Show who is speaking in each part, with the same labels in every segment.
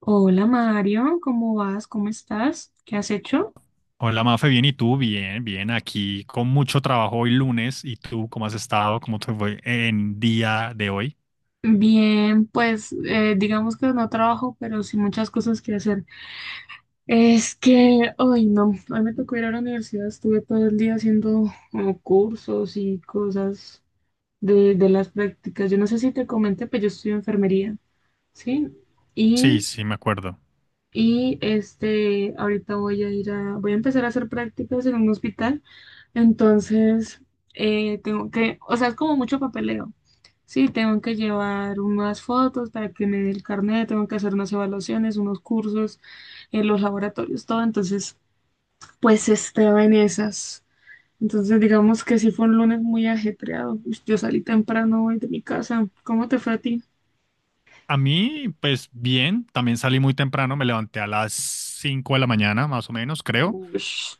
Speaker 1: Hola Mario, ¿cómo vas? ¿Cómo estás? ¿Qué has hecho?
Speaker 2: Hola Mafe, bien, ¿y tú? Bien, bien, aquí con mucho trabajo hoy lunes. ¿Y tú cómo has estado? ¿Cómo te fue en día de hoy?
Speaker 1: Bien, pues digamos que no trabajo, pero sí muchas cosas que hacer. Es que hoy no, hoy me tocó ir a la universidad, estuve todo el día haciendo como cursos y cosas de las prácticas. Yo no sé si te comenté, pero yo estudio enfermería, ¿sí?
Speaker 2: Sí,
Speaker 1: Y,
Speaker 2: sí, me acuerdo.
Speaker 1: y este, ahorita voy a ir a, voy a empezar a hacer prácticas en un hospital. Entonces, tengo que, o sea, es como mucho papeleo. Sí, tengo que llevar unas fotos para que me dé el carnet, tengo que hacer unas evaluaciones, unos cursos en los laboratorios, todo. Entonces, pues estaba en esas. Entonces, digamos que sí fue un lunes muy ajetreado. Ush, yo salí temprano hoy de mi casa. ¿Cómo te fue a ti?
Speaker 2: A mí, pues bien, también salí muy temprano, me levanté a las 5 de la mañana, más o menos, creo.
Speaker 1: Ush,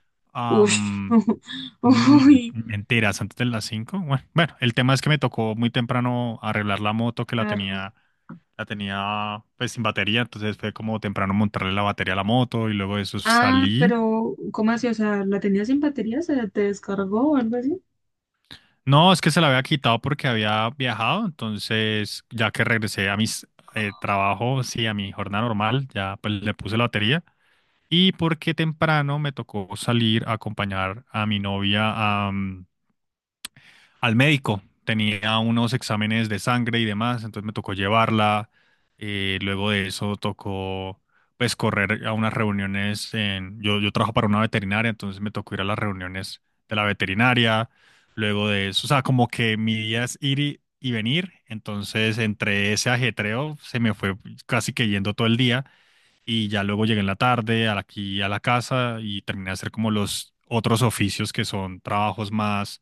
Speaker 1: ush,
Speaker 2: Am, no,
Speaker 1: uy,
Speaker 2: mentiras, antes de las 5. Bueno, bueno, el tema es que me tocó muy temprano arreglar la moto que
Speaker 1: claro.
Speaker 2: la tenía pues sin batería, entonces fue como temprano montarle la batería a la moto y luego de eso
Speaker 1: Ah,
Speaker 2: salí.
Speaker 1: pero ¿cómo así? O sea, ¿la tenías sin batería? ¿Se te descargó o algo así?
Speaker 2: No, es que se la había quitado porque había viajado, entonces ya que regresé a mis trabajos, sí, a mi jornada normal, ya pues le puse la batería y porque temprano me tocó salir a acompañar a mi novia a al médico. Tenía unos exámenes de sangre y demás, entonces me tocó llevarla. Luego de eso tocó pues correr a unas reuniones en, yo, trabajo para una veterinaria, entonces me tocó ir a las reuniones de la veterinaria. Luego de eso, o sea, como que mi día es ir y venir, entonces entre ese ajetreo se me fue casi que yendo todo el día y ya luego llegué en la tarde a aquí a la casa y terminé de hacer como los otros oficios que son trabajos más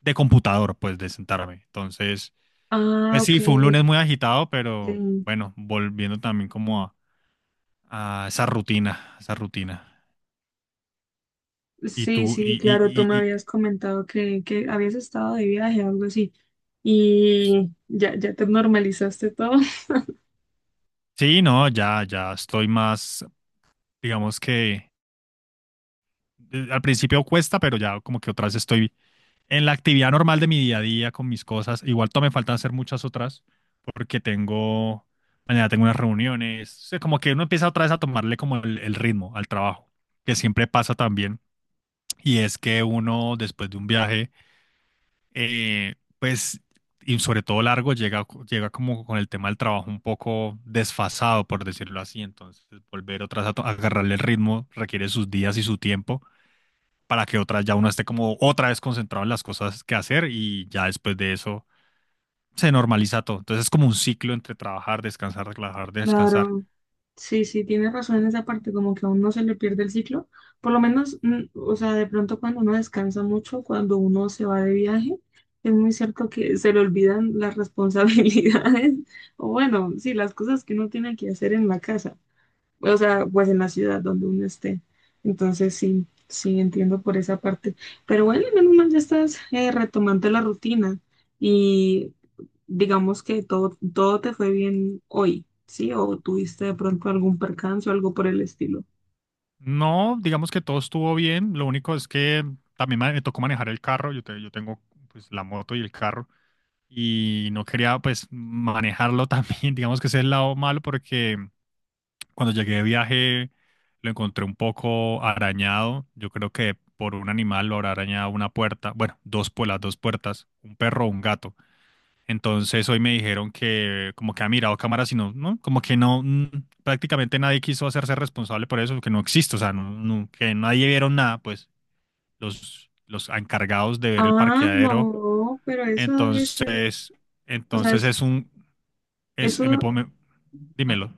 Speaker 2: de computador, pues, de sentarme. Entonces,
Speaker 1: Ah,
Speaker 2: pues
Speaker 1: ok.
Speaker 2: sí, fue un lunes muy agitado, pero
Speaker 1: Ok.
Speaker 2: bueno, volviendo también como a esa rutina, esa rutina. Y
Speaker 1: Sí,
Speaker 2: tú, y,
Speaker 1: sí,
Speaker 2: y,
Speaker 1: claro, tú me
Speaker 2: y, y-
Speaker 1: habías comentado que habías estado de viaje o algo así. Y ya, ya te normalizaste todo.
Speaker 2: sí, no, ya, ya estoy más, digamos que al principio cuesta, pero ya como que otra vez estoy en la actividad normal de mi día a día con mis cosas. Igual todavía me faltan hacer muchas otras, porque tengo, mañana tengo unas reuniones. O sea, como que uno empieza otra vez a tomarle como el ritmo al trabajo, que siempre pasa también. Y es que uno, después de un viaje, eh, pues, y sobre todo largo, llega, llega como con el tema del trabajo un poco desfasado, por decirlo así. Entonces, volver otra vez a, a agarrarle el ritmo requiere sus días y su tiempo para que otra, ya uno esté como otra vez concentrado en las cosas que hacer y ya después de eso se normaliza todo. Entonces, es como un ciclo entre trabajar, descansar, relajar, descansar.
Speaker 1: Claro, sí, sí, tienes razón en esa parte, como que a uno se le pierde el ciclo. Por lo menos, mm, o sea, de pronto cuando uno descansa mucho, cuando uno se va de viaje, es muy cierto que se le olvidan las responsabilidades, o bueno, sí, las cosas que uno tiene que hacer en la casa. O sea, pues en la ciudad donde uno esté. Entonces sí, sí entiendo por esa parte. Pero bueno, menos mal ya estás retomando la rutina y digamos que todo, todo te fue bien hoy, ¿sí? O tuviste de pronto algún percance o algo por el estilo.
Speaker 2: No, digamos que todo estuvo bien. Lo único es que también me tocó manejar el carro. Yo, yo tengo pues la moto y el carro, y no quería pues manejarlo también. Digamos que ese es el lado malo porque cuando llegué de viaje lo encontré un poco arañado, yo creo que por un animal lo habrá arañado una puerta, bueno, dos por las dos puertas, un perro o un gato. Entonces hoy me dijeron que como que ha mirado cámaras y no, no, como que no, prácticamente nadie quiso hacerse responsable por eso, que no existe, o sea, no, que nadie vieron nada, pues los encargados de ver el
Speaker 1: Ah,
Speaker 2: parqueadero.
Speaker 1: no, pero eso debe ser,
Speaker 2: Entonces,
Speaker 1: o sea,
Speaker 2: entonces
Speaker 1: es-
Speaker 2: es un es,
Speaker 1: eso
Speaker 2: dímelo.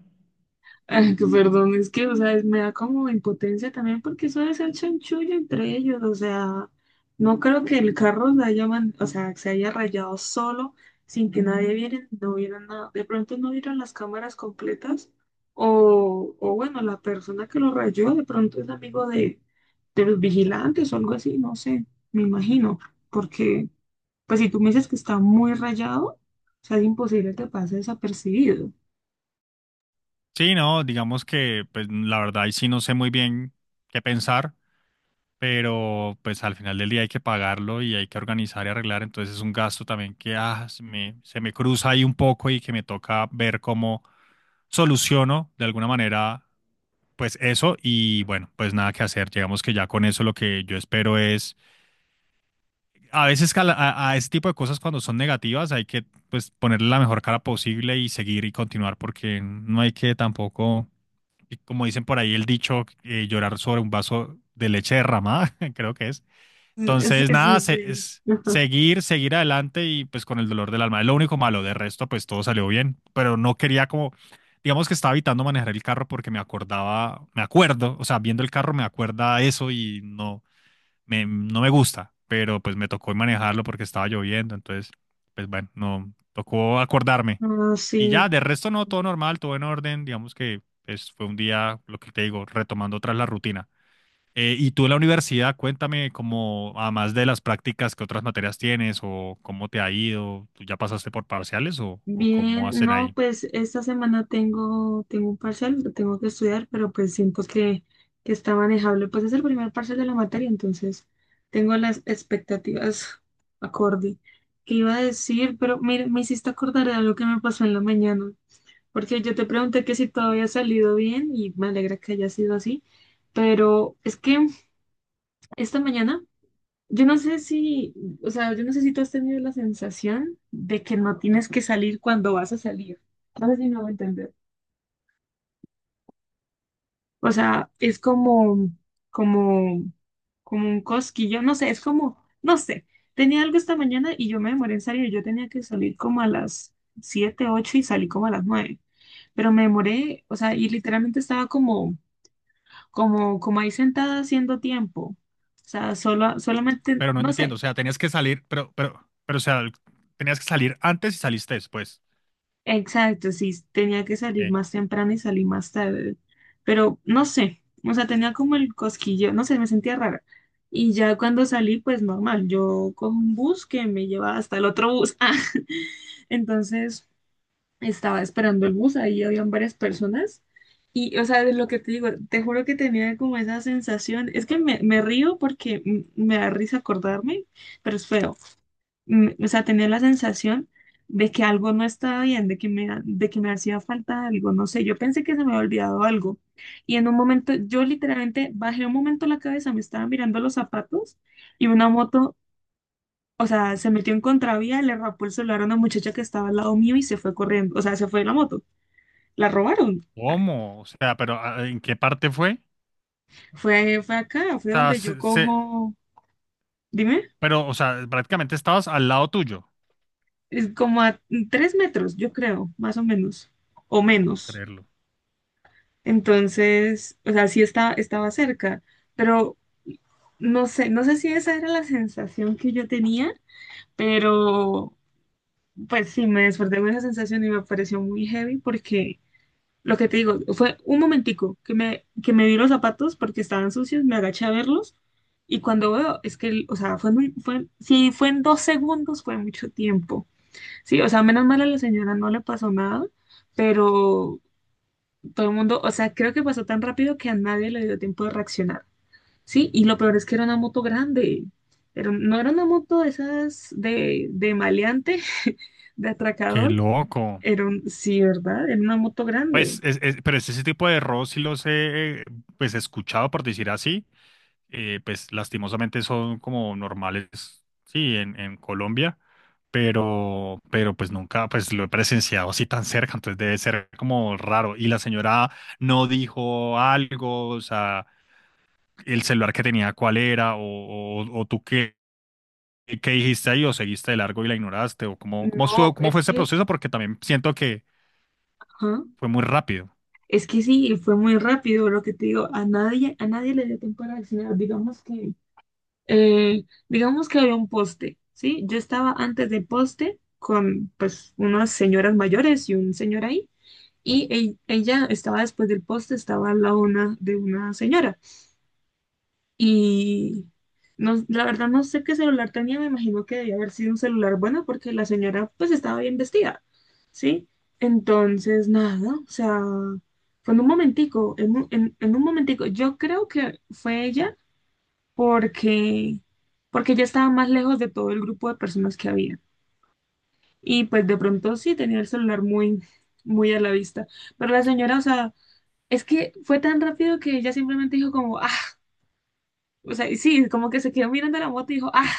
Speaker 1: ay, que perdón, es que, o sea, es- me da como impotencia también porque eso debe ser chanchullo entre ellos, o sea, no creo que el carro se haya, man- o sea, se haya rayado solo sin que nadie viera, no viera nada, de pronto no vieron las cámaras completas o bueno, la persona que lo rayó de pronto es amigo de los vigilantes o algo así, no sé, me imagino, porque pues si tú me dices que está muy rayado, o sea, es imposible que pase desapercibido.
Speaker 2: Sí, no, digamos que pues la verdad ahí sí no sé muy bien qué pensar, pero pues al final del día hay que pagarlo y hay que organizar y arreglar, entonces es un gasto también que se me cruza ahí un poco y que me toca ver cómo soluciono de alguna manera pues eso y bueno, pues nada que hacer. Digamos que ya con eso lo que yo espero es a veces cala- a, la- a ese tipo de cosas cuando son negativas hay que pues ponerle la mejor cara posible y seguir y continuar porque no hay que tampoco, y como dicen por ahí el dicho, llorar sobre un vaso de leche derramada, creo que es.
Speaker 1: Sí,
Speaker 2: Entonces,
Speaker 1: sí, sí.
Speaker 2: nada,
Speaker 1: Sí.
Speaker 2: es seguir, seguir adelante y pues con el dolor del alma. Es lo único malo, de resto pues todo salió bien, pero no quería como, digamos que estaba evitando manejar el carro porque me acordaba, me acuerdo, o sea, viendo el carro me acuerda eso y no no me gusta, pero pues me tocó manejarlo porque estaba lloviendo, entonces, pues bueno, no, tocó acordarme.
Speaker 1: Ah, sí,
Speaker 2: Y ya, de resto no, todo normal, todo en orden, digamos que pues, fue un día, lo que te digo, retomando otra vez la rutina. Y tú en la universidad, cuéntame como, además de las prácticas, ¿qué otras materias tienes o cómo te ha ido? ¿Tú ya pasaste por parciales o cómo
Speaker 1: bien,
Speaker 2: hacen
Speaker 1: no,
Speaker 2: ahí?
Speaker 1: pues esta semana tengo, tengo un parcial, lo tengo que estudiar, pero pues siento que está manejable. Pues es el primer parcial de la materia, entonces tengo las expectativas acorde. ¿Qué iba a decir? Pero mira, me hiciste acordar de algo que me pasó en la mañana, porque yo te pregunté que si todo había salido bien y me alegra que haya sido así, pero es que esta mañana yo no sé si, o sea, yo no sé si tú has tenido la sensación de que no tienes que salir cuando vas a salir. No sé si me voy a entender. O sea, es como, como, como un cosquillo, no sé, es como, no sé. Tenía algo esta mañana y yo me demoré en salir. Yo tenía que salir como a las 7 8 y salí como a las nueve. Pero me demoré, o sea, y literalmente estaba como, como, como ahí sentada haciendo tiempo. O sea, solo, solamente,
Speaker 2: Pero no
Speaker 1: no
Speaker 2: entiendo,
Speaker 1: sé.
Speaker 2: o sea, tenías que salir, pero, o sea, tenías que salir antes y saliste después.
Speaker 1: Exacto, sí, tenía que salir
Speaker 2: Ok.
Speaker 1: más temprano y salí más tarde, pero no sé, o sea, tenía como el cosquillo, no sé, me sentía rara. Y ya cuando salí, pues normal, yo cojo un bus que me lleva hasta el otro bus. Ah, entonces estaba esperando el bus, ahí habían varias personas. Y, o sea, de lo que te digo, te juro que tenía como esa sensación, es que me río porque me da risa acordarme, pero es feo. Mm, o sea, tenía la sensación de que algo no estaba bien, de que me, ha- de que me hacía falta algo, no sé, yo pensé que se me había olvidado algo. Y en un momento, yo literalmente bajé un momento la cabeza, me estaba mirando los zapatos y una moto, o sea, se metió en contravía, le rapó el celular a una muchacha que estaba al lado mío y se fue corriendo, o sea, se fue la moto, la robaron. Ah,
Speaker 2: ¿Cómo? O sea, pero ¿en qué parte fue?
Speaker 1: fue, fue acá,
Speaker 2: O
Speaker 1: fue
Speaker 2: sea,
Speaker 1: donde yo cojo, dime,
Speaker 2: pero, o sea, prácticamente estabas al lado tuyo.
Speaker 1: es como a tres metros, yo creo, más o menos, o
Speaker 2: No puedo
Speaker 1: menos.
Speaker 2: creerlo.
Speaker 1: Entonces, o sea, sí está, estaba cerca, pero no sé, no sé si esa era la sensación que yo tenía, pero pues sí, me desperté con esa sensación y me pareció muy heavy porque lo que te digo, fue un momentico que me vi los zapatos porque estaban sucios, me agaché a verlos y cuando veo, es que, el- o sea, fue muy, fue, si fue en dos segundos, fue mucho tiempo. Sí, o sea, menos mal a la señora no le pasó nada, pero todo el mundo, o sea, creo que pasó tan rápido que a nadie le dio tiempo de reaccionar, ¿sí? Y lo peor es que era una moto grande, pero no era una moto de esas de maleante, de
Speaker 2: Qué
Speaker 1: atracador,
Speaker 2: loco.
Speaker 1: era un, sí, ¿verdad? Era una moto grande.
Speaker 2: Pues, pero es ese tipo de errores sí los he, pues, escuchado, por decir así. Pues, lastimosamente son como normales, sí, en Colombia. Pero, pues, nunca, pues, lo he presenciado así tan cerca. Entonces, debe ser como raro. Y la señora no dijo algo, o sea... el celular que tenía cuál era, o tú qué, qué dijiste ahí, o seguiste de largo y la ignoraste, o cómo, cómo,
Speaker 1: No,
Speaker 2: cómo
Speaker 1: es
Speaker 2: fue ese
Speaker 1: que,
Speaker 2: proceso, porque también siento que
Speaker 1: ajá,
Speaker 2: fue muy rápido,
Speaker 1: es que sí, fue muy rápido lo que te digo, a nadie le dio tiempo de reaccionar, digamos que había un poste, ¿sí? Yo estaba antes del poste con, pues, unas señoras mayores y un señor ahí, y e- ella estaba después del poste, estaba al lado una, de una señora. Y no, la verdad no sé qué celular tenía, me imagino que debía haber sido un celular bueno porque la señora pues estaba bien vestida, ¿sí? Entonces, nada, o sea, fue en un momentico, en un momentico, yo creo que fue ella porque, porque ella estaba más lejos de todo el grupo de personas que había. Y pues de pronto sí tenía el celular muy, muy a la vista. Pero la señora, o sea... es que fue tan rápido que ella simplemente dijo como, ah, o sea, y sí, como que se quedó mirando la moto y dijo, ah,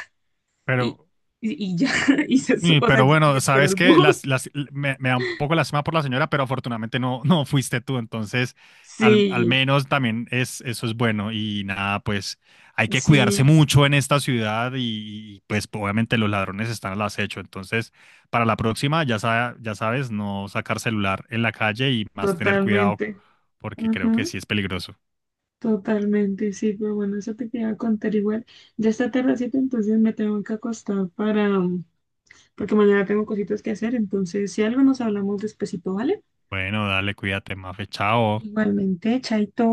Speaker 1: y,
Speaker 2: pero
Speaker 1: y ya, y se su-
Speaker 2: Y-
Speaker 1: o sea,
Speaker 2: Pero
Speaker 1: y
Speaker 2: bueno,
Speaker 1: esperó
Speaker 2: sabes
Speaker 1: el
Speaker 2: que
Speaker 1: bus.
Speaker 2: me da un poco lástima por la señora, pero afortunadamente no, no fuiste tú, entonces al
Speaker 1: Sí,
Speaker 2: menos también es, eso es bueno y nada, pues hay que cuidarse
Speaker 1: sí,
Speaker 2: mucho en esta ciudad y pues obviamente los ladrones están al acecho, entonces para la próxima ya, ya sabes, no sacar celular en la calle y más tener cuidado
Speaker 1: totalmente.
Speaker 2: porque creo que
Speaker 1: Ajá,
Speaker 2: sí es peligroso.
Speaker 1: totalmente, sí, pero bueno, eso te quería contar igual. Ya está tardecito, entonces me tengo que acostar para, mm, porque mañana tengo cositas que hacer, entonces si algo nos hablamos despacito, ¿vale?
Speaker 2: Bueno, dale, cuídate, Mafe, chao.
Speaker 1: Igualmente, chaito.